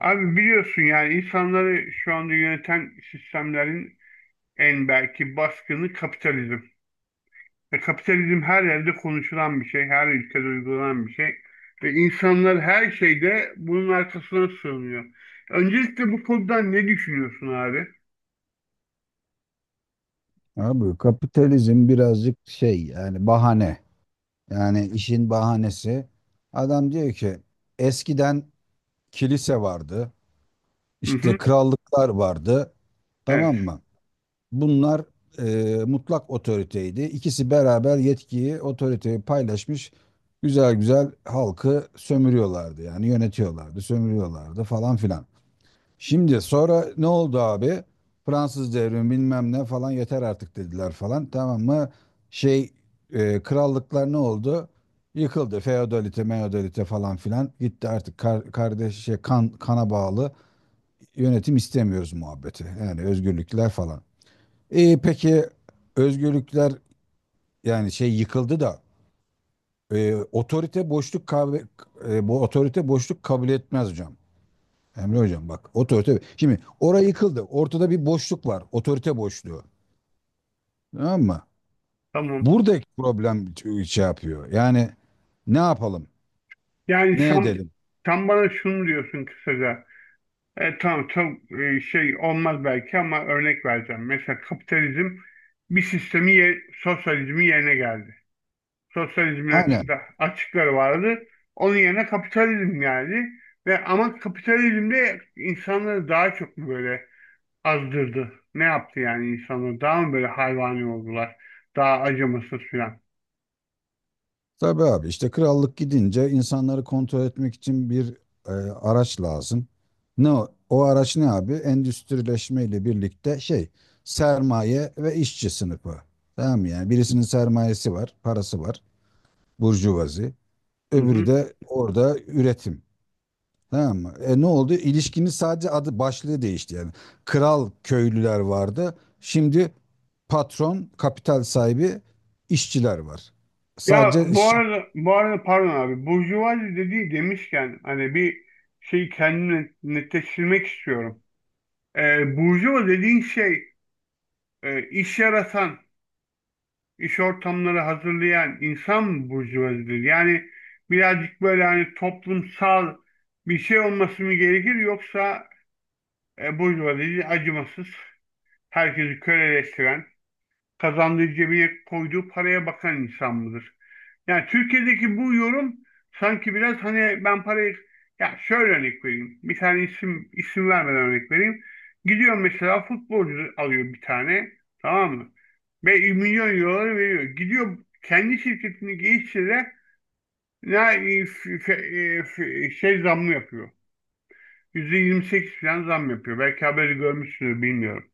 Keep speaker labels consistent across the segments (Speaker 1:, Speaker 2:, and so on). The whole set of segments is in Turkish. Speaker 1: Abi biliyorsun yani insanları şu anda yöneten sistemlerin en belki baskını kapitalizm. Ve kapitalizm her yerde konuşulan bir şey, her ülkede uygulanan bir şey. Ve insanlar her şeyde bunun arkasına sığınıyor. Öncelikle bu konuda ne düşünüyorsun abi?
Speaker 2: Abi kapitalizm birazcık şey yani bahane. Yani işin bahanesi. Adam diyor ki eskiden kilise vardı.
Speaker 1: Hı
Speaker 2: İşte
Speaker 1: hı.
Speaker 2: krallıklar vardı.
Speaker 1: Evet,
Speaker 2: Tamam mı? Bunlar mutlak otoriteydi. İkisi beraber yetkiyi, otoriteyi paylaşmış. Güzel güzel halkı sömürüyorlardı. Yani yönetiyorlardı, sömürüyorlardı falan filan. Şimdi sonra ne oldu abi? Fransız devrimi bilmem ne falan yeter artık dediler falan, tamam mı? Şey krallıklar ne oldu? Yıkıldı. Feodalite, meodalite falan filan gitti, artık kardeş kana bağlı yönetim istemiyoruz muhabbeti. Yani özgürlükler falan. Peki özgürlükler yani şey yıkıldı da, otorite boşluk bu otorite boşluk kabul etmez hocam. Emre hocam bak, otorite. Şimdi orayı yıkıldı. Ortada bir boşluk var. Otorite boşluğu. Tamam mı?
Speaker 1: tamam.
Speaker 2: Buradaki problem şey yapıyor. Yani ne yapalım?
Speaker 1: Yani
Speaker 2: Ne
Speaker 1: sen,
Speaker 2: edelim?
Speaker 1: sen bana şunu diyorsun kısaca. Tamam çok şey olmaz belki ama örnek vereceğim. Mesela kapitalizm bir sistemi, sosyalizmi yerine geldi. Sosyalizmin
Speaker 2: Aynen.
Speaker 1: açıkları vardı. Onun yerine kapitalizm geldi. Ve ama kapitalizm de insanları daha çok mu böyle azdırdı? Ne yaptı yani insanları? Daha mı böyle hayvani oldular? Daha acımasız filan.
Speaker 2: Tabii abi, işte krallık gidince insanları kontrol etmek için bir araç lazım. Ne o? O araç ne abi? Endüstrileşme ile birlikte sermaye ve işçi sınıfı. Tamam mı? Yani birisinin sermayesi var, parası var, burjuvazi.
Speaker 1: Hı
Speaker 2: Öbürü
Speaker 1: hı.
Speaker 2: de orada üretim. Tamam mı? Ne oldu? İlişkinin sadece adı başlığı değişti yani. Kral köylüler vardı. Şimdi patron, kapital sahibi, işçiler var.
Speaker 1: Ya,
Speaker 2: Sadece
Speaker 1: bu
Speaker 2: şap.
Speaker 1: arada bu arada pardon abi, burjuvazi dediği demişken hani bir şey kendimi netleştirmek istiyorum. Burjuva dediğin şey, iş yaratan, iş ortamları hazırlayan insan burjuvazidir. Yani birazcık böyle hani toplumsal bir şey olması mı gerekir, yoksa burjuvazi acımasız, herkesi köleleştiren, kazandığı cebine koyduğu paraya bakan insan mıdır? Yani Türkiye'deki bu yorum sanki biraz hani ben parayı, ya şöyle örnek vereyim. Bir tane isim vermeden örnek vereyim. Gidiyor mesela futbolcu alıyor bir tane, tamam mı? Ve milyon euroları veriyor. Gidiyor kendi şirketini geliştire de ne şey, zamlı yapıyor. %28 falan zam yapıyor. Belki haberi görmüşsünüz, bilmiyorum.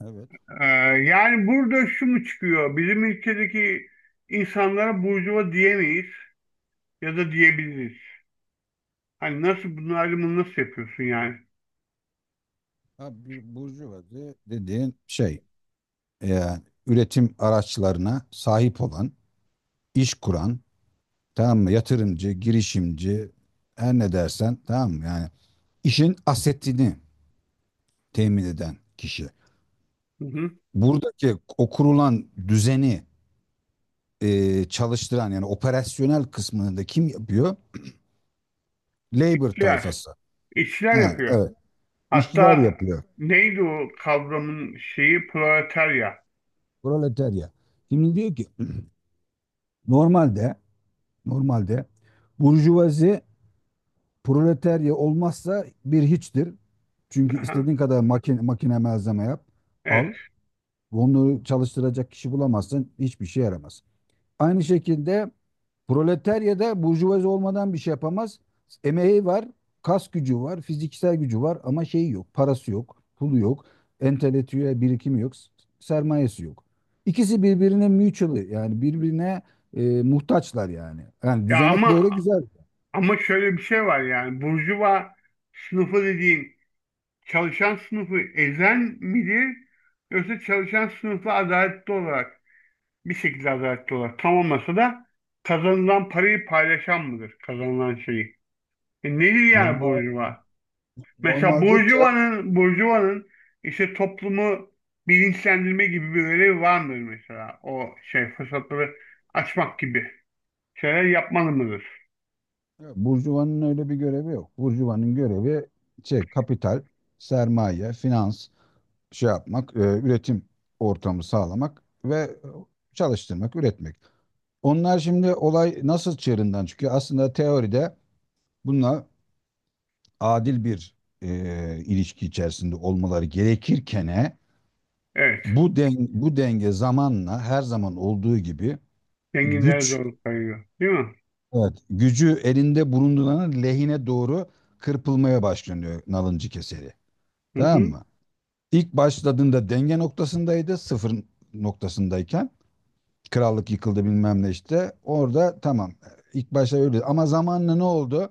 Speaker 2: Evet.
Speaker 1: Ee, Yani burada şu mu çıkıyor? Bizim ülkedeki insanlara burjuva diyemeyiz ya da diyebiliriz. Hani nasıl, bunun ayrımını nasıl yapıyorsun yani?
Speaker 2: Ha, bir burjuvazi dediğin şey yani üretim araçlarına sahip olan, iş kuran, tamam mı? Yatırımcı, girişimci, her ne dersen, tamam mı? Yani işin asetini temin eden kişi.
Speaker 1: Hı hı.
Speaker 2: Buradaki o kurulan düzeni çalıştıran yani operasyonel kısmını da kim yapıyor? Labor
Speaker 1: İşçiler.
Speaker 2: tayfası.
Speaker 1: İşçiler
Speaker 2: Ha,
Speaker 1: yapıyor.
Speaker 2: evet. İşçiler
Speaker 1: Hatta
Speaker 2: yapıyor.
Speaker 1: neydi o kavramın şeyi? Proletarya.
Speaker 2: Proletarya. Şimdi diyor ki normalde, normalde burjuvazi proletarya olmazsa bir hiçtir. Çünkü
Speaker 1: Aha,
Speaker 2: istediğin kadar makine malzeme yap,
Speaker 1: evet.
Speaker 2: al. Onları çalıştıracak kişi bulamazsın, hiçbir şey yaramaz. Aynı şekilde proletarya da burjuvazi olmadan bir şey yapamaz. Emeği var, kas gücü var, fiziksel gücü var ama şeyi yok, parası yok, pulu yok, entelektüel birikimi yok, sermayesi yok. İkisi birbirine mutual yani birbirine muhtaçlar yani. Yani
Speaker 1: Ya,
Speaker 2: düzenek böyle
Speaker 1: ama
Speaker 2: güzel.
Speaker 1: ama şöyle bir şey var yani. Burjuva sınıfı dediğin çalışan sınıfı ezen midir? Yoksa çalışan sınıfla adaletli olarak, bir şekilde adaletli olarak, tam olmasa da kazanılan parayı paylaşan mıdır? Kazanılan şeyi. E, nedir yani
Speaker 2: Normal
Speaker 1: burjuva? Mesela
Speaker 2: normalde te-
Speaker 1: Burjuva'nın işte toplumu bilinçlendirme gibi bir görevi var mıdır mesela? O şey fırsatları açmak gibi şeyler yapmalı mıdır?
Speaker 2: burjuvanın öyle bir görevi yok. Burjuvanın görevi şey kapital, sermaye, finans. Şey yapmak, üretim ortamı sağlamak ve çalıştırmak, üretmek. Onlar şimdi olay nasıl çığırından çıkıyor? Aslında teoride bunlar adil bir ilişki içerisinde olmaları gerekirken,
Speaker 1: Evet.
Speaker 2: bu denge zamanla her zaman olduğu gibi
Speaker 1: Zenginlere
Speaker 2: güç,
Speaker 1: zorluk kayıyor, değil mi?
Speaker 2: evet, gücü elinde bulunduranın lehine doğru kırpılmaya başlanıyor nalıncı keseri.
Speaker 1: Hı
Speaker 2: Tamam
Speaker 1: hı.
Speaker 2: mı? İlk başladığında denge noktasındaydı, sıfır noktasındayken krallık yıkıldı bilmem ne işte. Orada tamam. İlk başta öyle. Ama zamanla ne oldu?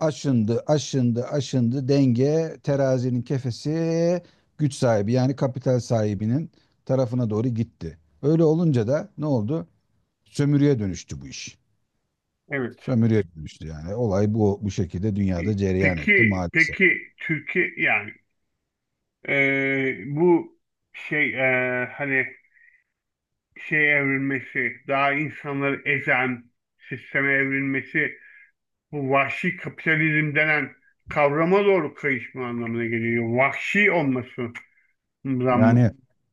Speaker 2: Aşındı, aşındı, aşındı. Denge terazinin kefesi güç sahibi yani kapital sahibinin tarafına doğru gitti. Öyle olunca da ne oldu? Sömürüye dönüştü bu iş.
Speaker 1: Evet.
Speaker 2: Sömürüye dönüştü yani. Olay bu şekilde
Speaker 1: E,
Speaker 2: dünyada cereyan etti
Speaker 1: Peki,
Speaker 2: maalesef.
Speaker 1: peki Türkiye yani, bu şey, hani şey evrilmesi, daha insanları ezen sisteme evrilmesi, bu vahşi kapitalizm denen kavrama doğru kayışma anlamına geliyor. Vahşi olmasından mı
Speaker 2: Yani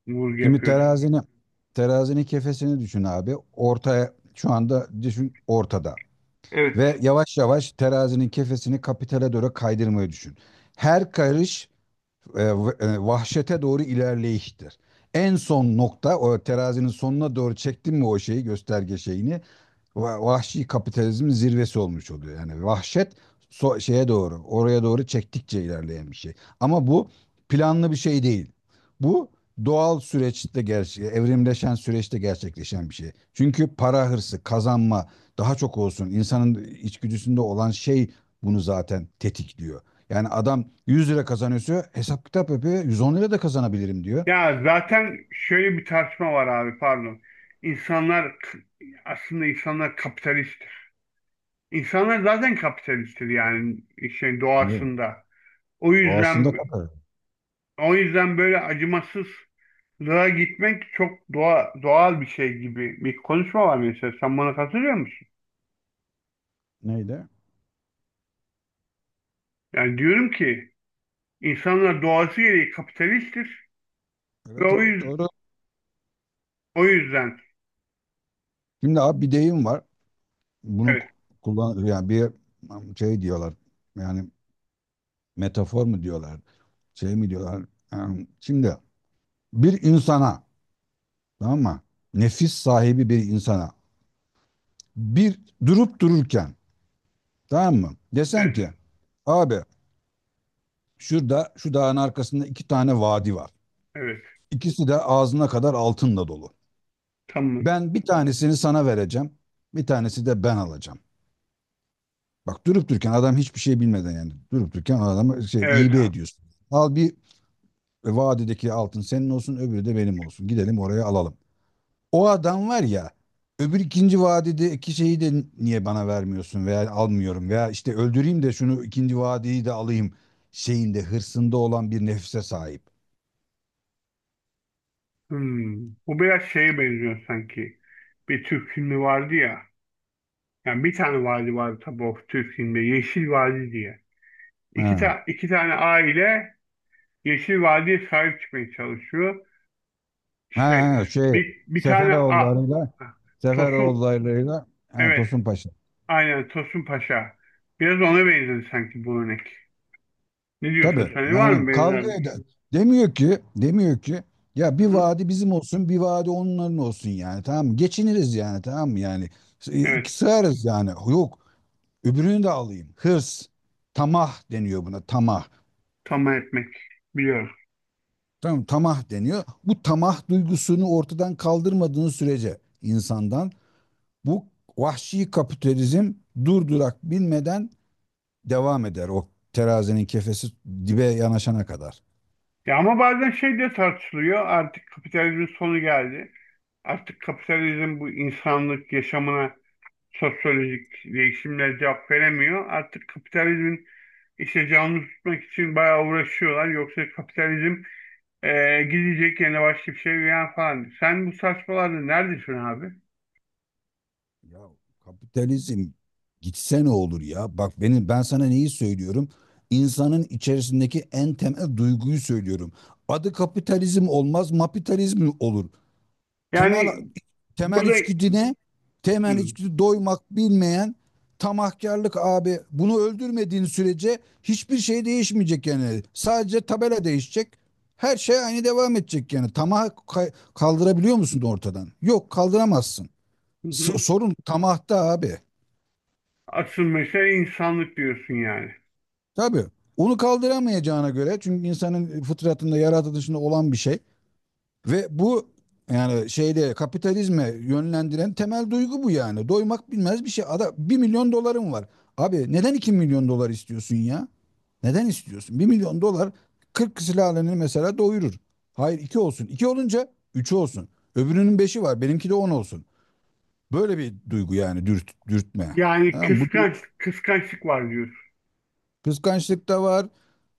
Speaker 1: vurgu
Speaker 2: şimdi
Speaker 1: yapıyorsun?
Speaker 2: terazinin kefesini düşün abi. Ortaya şu anda düşün, ortada. Ve
Speaker 1: Evet.
Speaker 2: yavaş yavaş terazinin kefesini kapitale doğru kaydırmayı düşün. Her karış e, vahşete doğru ilerleyiştir. En son nokta, o terazinin sonuna doğru çektin mi o şeyi, gösterge şeyini, vahşi kapitalizmin zirvesi olmuş oluyor. Yani vahşet oraya doğru çektikçe ilerleyen bir şey. Ama bu planlı bir şey değil. Bu doğal süreçte evrimleşen süreçte gerçekleşen bir şey. Çünkü para hırsı, kazanma daha çok olsun insanın içgüdüsünde olan şey bunu zaten tetikliyor. Yani adam 100 lira kazanıyorsa hesap kitap yapıyor. 110 lira da kazanabilirim diyor.
Speaker 1: Ya, zaten şöyle bir tartışma var abi, pardon. İnsanlar, aslında insanlar kapitalisttir. İnsanlar zaten kapitalisttir, yani şey,
Speaker 2: Evet.
Speaker 1: doğasında. O yüzden
Speaker 2: Doğasında kadar.
Speaker 1: o yüzden böyle acımasızlığa gitmek çok doğal bir şey gibi bir konuşma var mesela. Sen bana katılıyor musun?
Speaker 2: Neydi?
Speaker 1: Yani diyorum ki, İnsanlar doğası gereği kapitalisttir ve
Speaker 2: Evet, evet, doğru.
Speaker 1: o yüzden.
Speaker 2: Şimdi abi bir deyim var. Bunu
Speaker 1: Evet,
Speaker 2: kullan yani, bir şey diyorlar yani, metafor mu diyorlar, şey mi diyorlar? Yani şimdi bir insana, tamam mı, nefis sahibi bir insana, bir durup dururken, tamam mı, desen
Speaker 1: evet,
Speaker 2: ki abi, şurada şu dağın arkasında iki tane vadi var,
Speaker 1: evet,
Speaker 2: ikisi de ağzına kadar altınla dolu.
Speaker 1: tamam,
Speaker 2: Ben bir tanesini sana vereceğim, bir tanesi de ben alacağım. Bak, durup dururken adam hiçbir şey bilmeden, yani durup dururken adamı
Speaker 1: evet
Speaker 2: hibe
Speaker 1: abi.
Speaker 2: ediyorsun. Al, bir, vadideki altın senin olsun, öbürü de benim olsun. Gidelim oraya alalım. O adam var ya, öbür ikinci vadideki şeyi de niye bana vermiyorsun veya almıyorum veya işte öldüreyim de şunu, ikinci vadiyi de alayım hırsında olan bir nefse sahip.
Speaker 1: Hmm. Bu biraz şeye benziyor sanki. Bir Türk filmi vardı ya. Yani bir tane vadi vardı tabii, o Türk filmde Yeşil Vadi diye. İki,
Speaker 2: Ha,
Speaker 1: ta iki tane aile Yeşil Vadi'ye sahip çıkmaya çalışıyor. İşte
Speaker 2: ha, ha,
Speaker 1: bir tane.
Speaker 2: Seferoğulları'yla
Speaker 1: Tosun,
Speaker 2: Seferoğulları'yla, ha,
Speaker 1: evet,
Speaker 2: Tosun Paşa.
Speaker 1: aynen Tosun Paşa. Biraz ona benziyor sanki bu örnek. Ne
Speaker 2: Tabii
Speaker 1: diyorsun sen? Var mı
Speaker 2: yani, kavga
Speaker 1: benzerlik?
Speaker 2: eder. Demiyor ki, demiyor ki ya
Speaker 1: Hı
Speaker 2: bir
Speaker 1: hı.
Speaker 2: vadi bizim olsun, bir vadi onların olsun yani, tamam mı? Geçiniriz yani, tamam mı? Yani iki
Speaker 1: Evet,
Speaker 2: sığarız yani. Yok, öbürünü de alayım. Hırs, tamah deniyor buna, tamah.
Speaker 1: tamam etmek biliyorum.
Speaker 2: Tamam, tamah deniyor. Bu tamah duygusunu ortadan kaldırmadığın sürece insandan, bu vahşi kapitalizm durdurak bilmeden devam eder, o terazinin kefesi dibe yanaşana kadar.
Speaker 1: Ya ama bazen şey de tartışılıyor. Artık kapitalizmin sonu geldi. Artık kapitalizm bu insanlık yaşamına sosyolojik değişimle cevap veremiyor. Artık kapitalizmin işte canlı tutmak için bayağı uğraşıyorlar. Yoksa kapitalizm gidecek, yerine başka bir şey veya falan. Sen bu saçmalarda neredesin abi?
Speaker 2: Ya kapitalizm gitse ne olur ya? Bak ben sana neyi söylüyorum? İnsanın içerisindeki en temel duyguyu söylüyorum. Adı kapitalizm olmaz, mapitalizm olur. Temel
Speaker 1: Yani
Speaker 2: temel
Speaker 1: burada.
Speaker 2: içgüdü ne? Temel
Speaker 1: Hı
Speaker 2: içgüdü doymak bilmeyen tamahkarlık abi. Bunu öldürmediğin sürece hiçbir şey değişmeyecek yani. Sadece tabela değişecek. Her şey aynı devam edecek yani. Tamah kaldırabiliyor musun ortadan? Yok, kaldıramazsın.
Speaker 1: hı. Hı.
Speaker 2: Sorun tamahta abi.
Speaker 1: Asıl mesele insanlık diyorsun yani.
Speaker 2: Tabii. Onu kaldıramayacağına göre, çünkü insanın fıtratında, yaratılışında olan bir şey ve bu yani, kapitalizme yönlendiren temel duygu bu yani. Doymak bilmez bir şey. Ada 1 milyon dolarım var. Abi neden 2 milyon dolar istiyorsun ya? Neden istiyorsun? 1 milyon dolar 40 silahlarını mesela doyurur. Hayır, 2 olsun. İki olunca 3 olsun. Öbürünün beşi var. Benimki de 10 olsun. Böyle bir duygu yani dürtme.
Speaker 1: Yani
Speaker 2: Tamam mı?
Speaker 1: kıskançlık var diyorsun.
Speaker 2: Kıskançlık da var,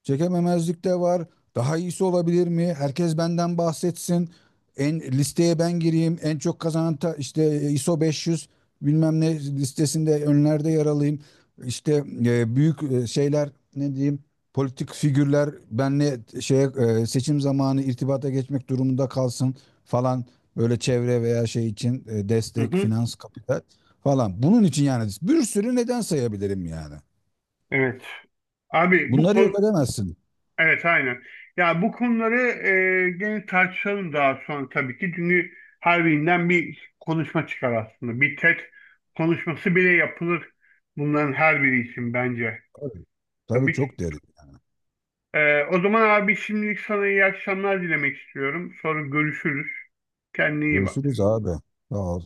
Speaker 2: çekememezlik de var. Daha iyisi olabilir mi? Herkes benden bahsetsin. En listeye ben gireyim. En çok kazanan işte ISO 500 bilmem ne listesinde önlerde yer alayım. İşte büyük şeyler, ne diyeyim? Politik figürler benle şeye, seçim zamanı irtibata geçmek durumunda kalsın falan, böyle çevre veya şey için
Speaker 1: Hı
Speaker 2: destek,
Speaker 1: hı,
Speaker 2: finans, kapital falan. Bunun için yani bir sürü neden sayabilirim yani.
Speaker 1: evet. Abi bu
Speaker 2: Bunları
Speaker 1: konu,
Speaker 2: yok edemezsin.
Speaker 1: evet aynen. Ya, bu konuları gene tartışalım daha sonra tabii ki. Çünkü her birinden bir konuşma çıkar aslında. Bir TED konuşması bile yapılır bunların her biri için bence.
Speaker 2: Tabii,
Speaker 1: Yani
Speaker 2: tabii, çok
Speaker 1: bir-
Speaker 2: derin.
Speaker 1: o zaman abi şimdilik sana iyi akşamlar dilemek istiyorum. Sonra görüşürüz. Kendine iyi
Speaker 2: Görüşürüz
Speaker 1: bak.
Speaker 2: abi. Sağ ol.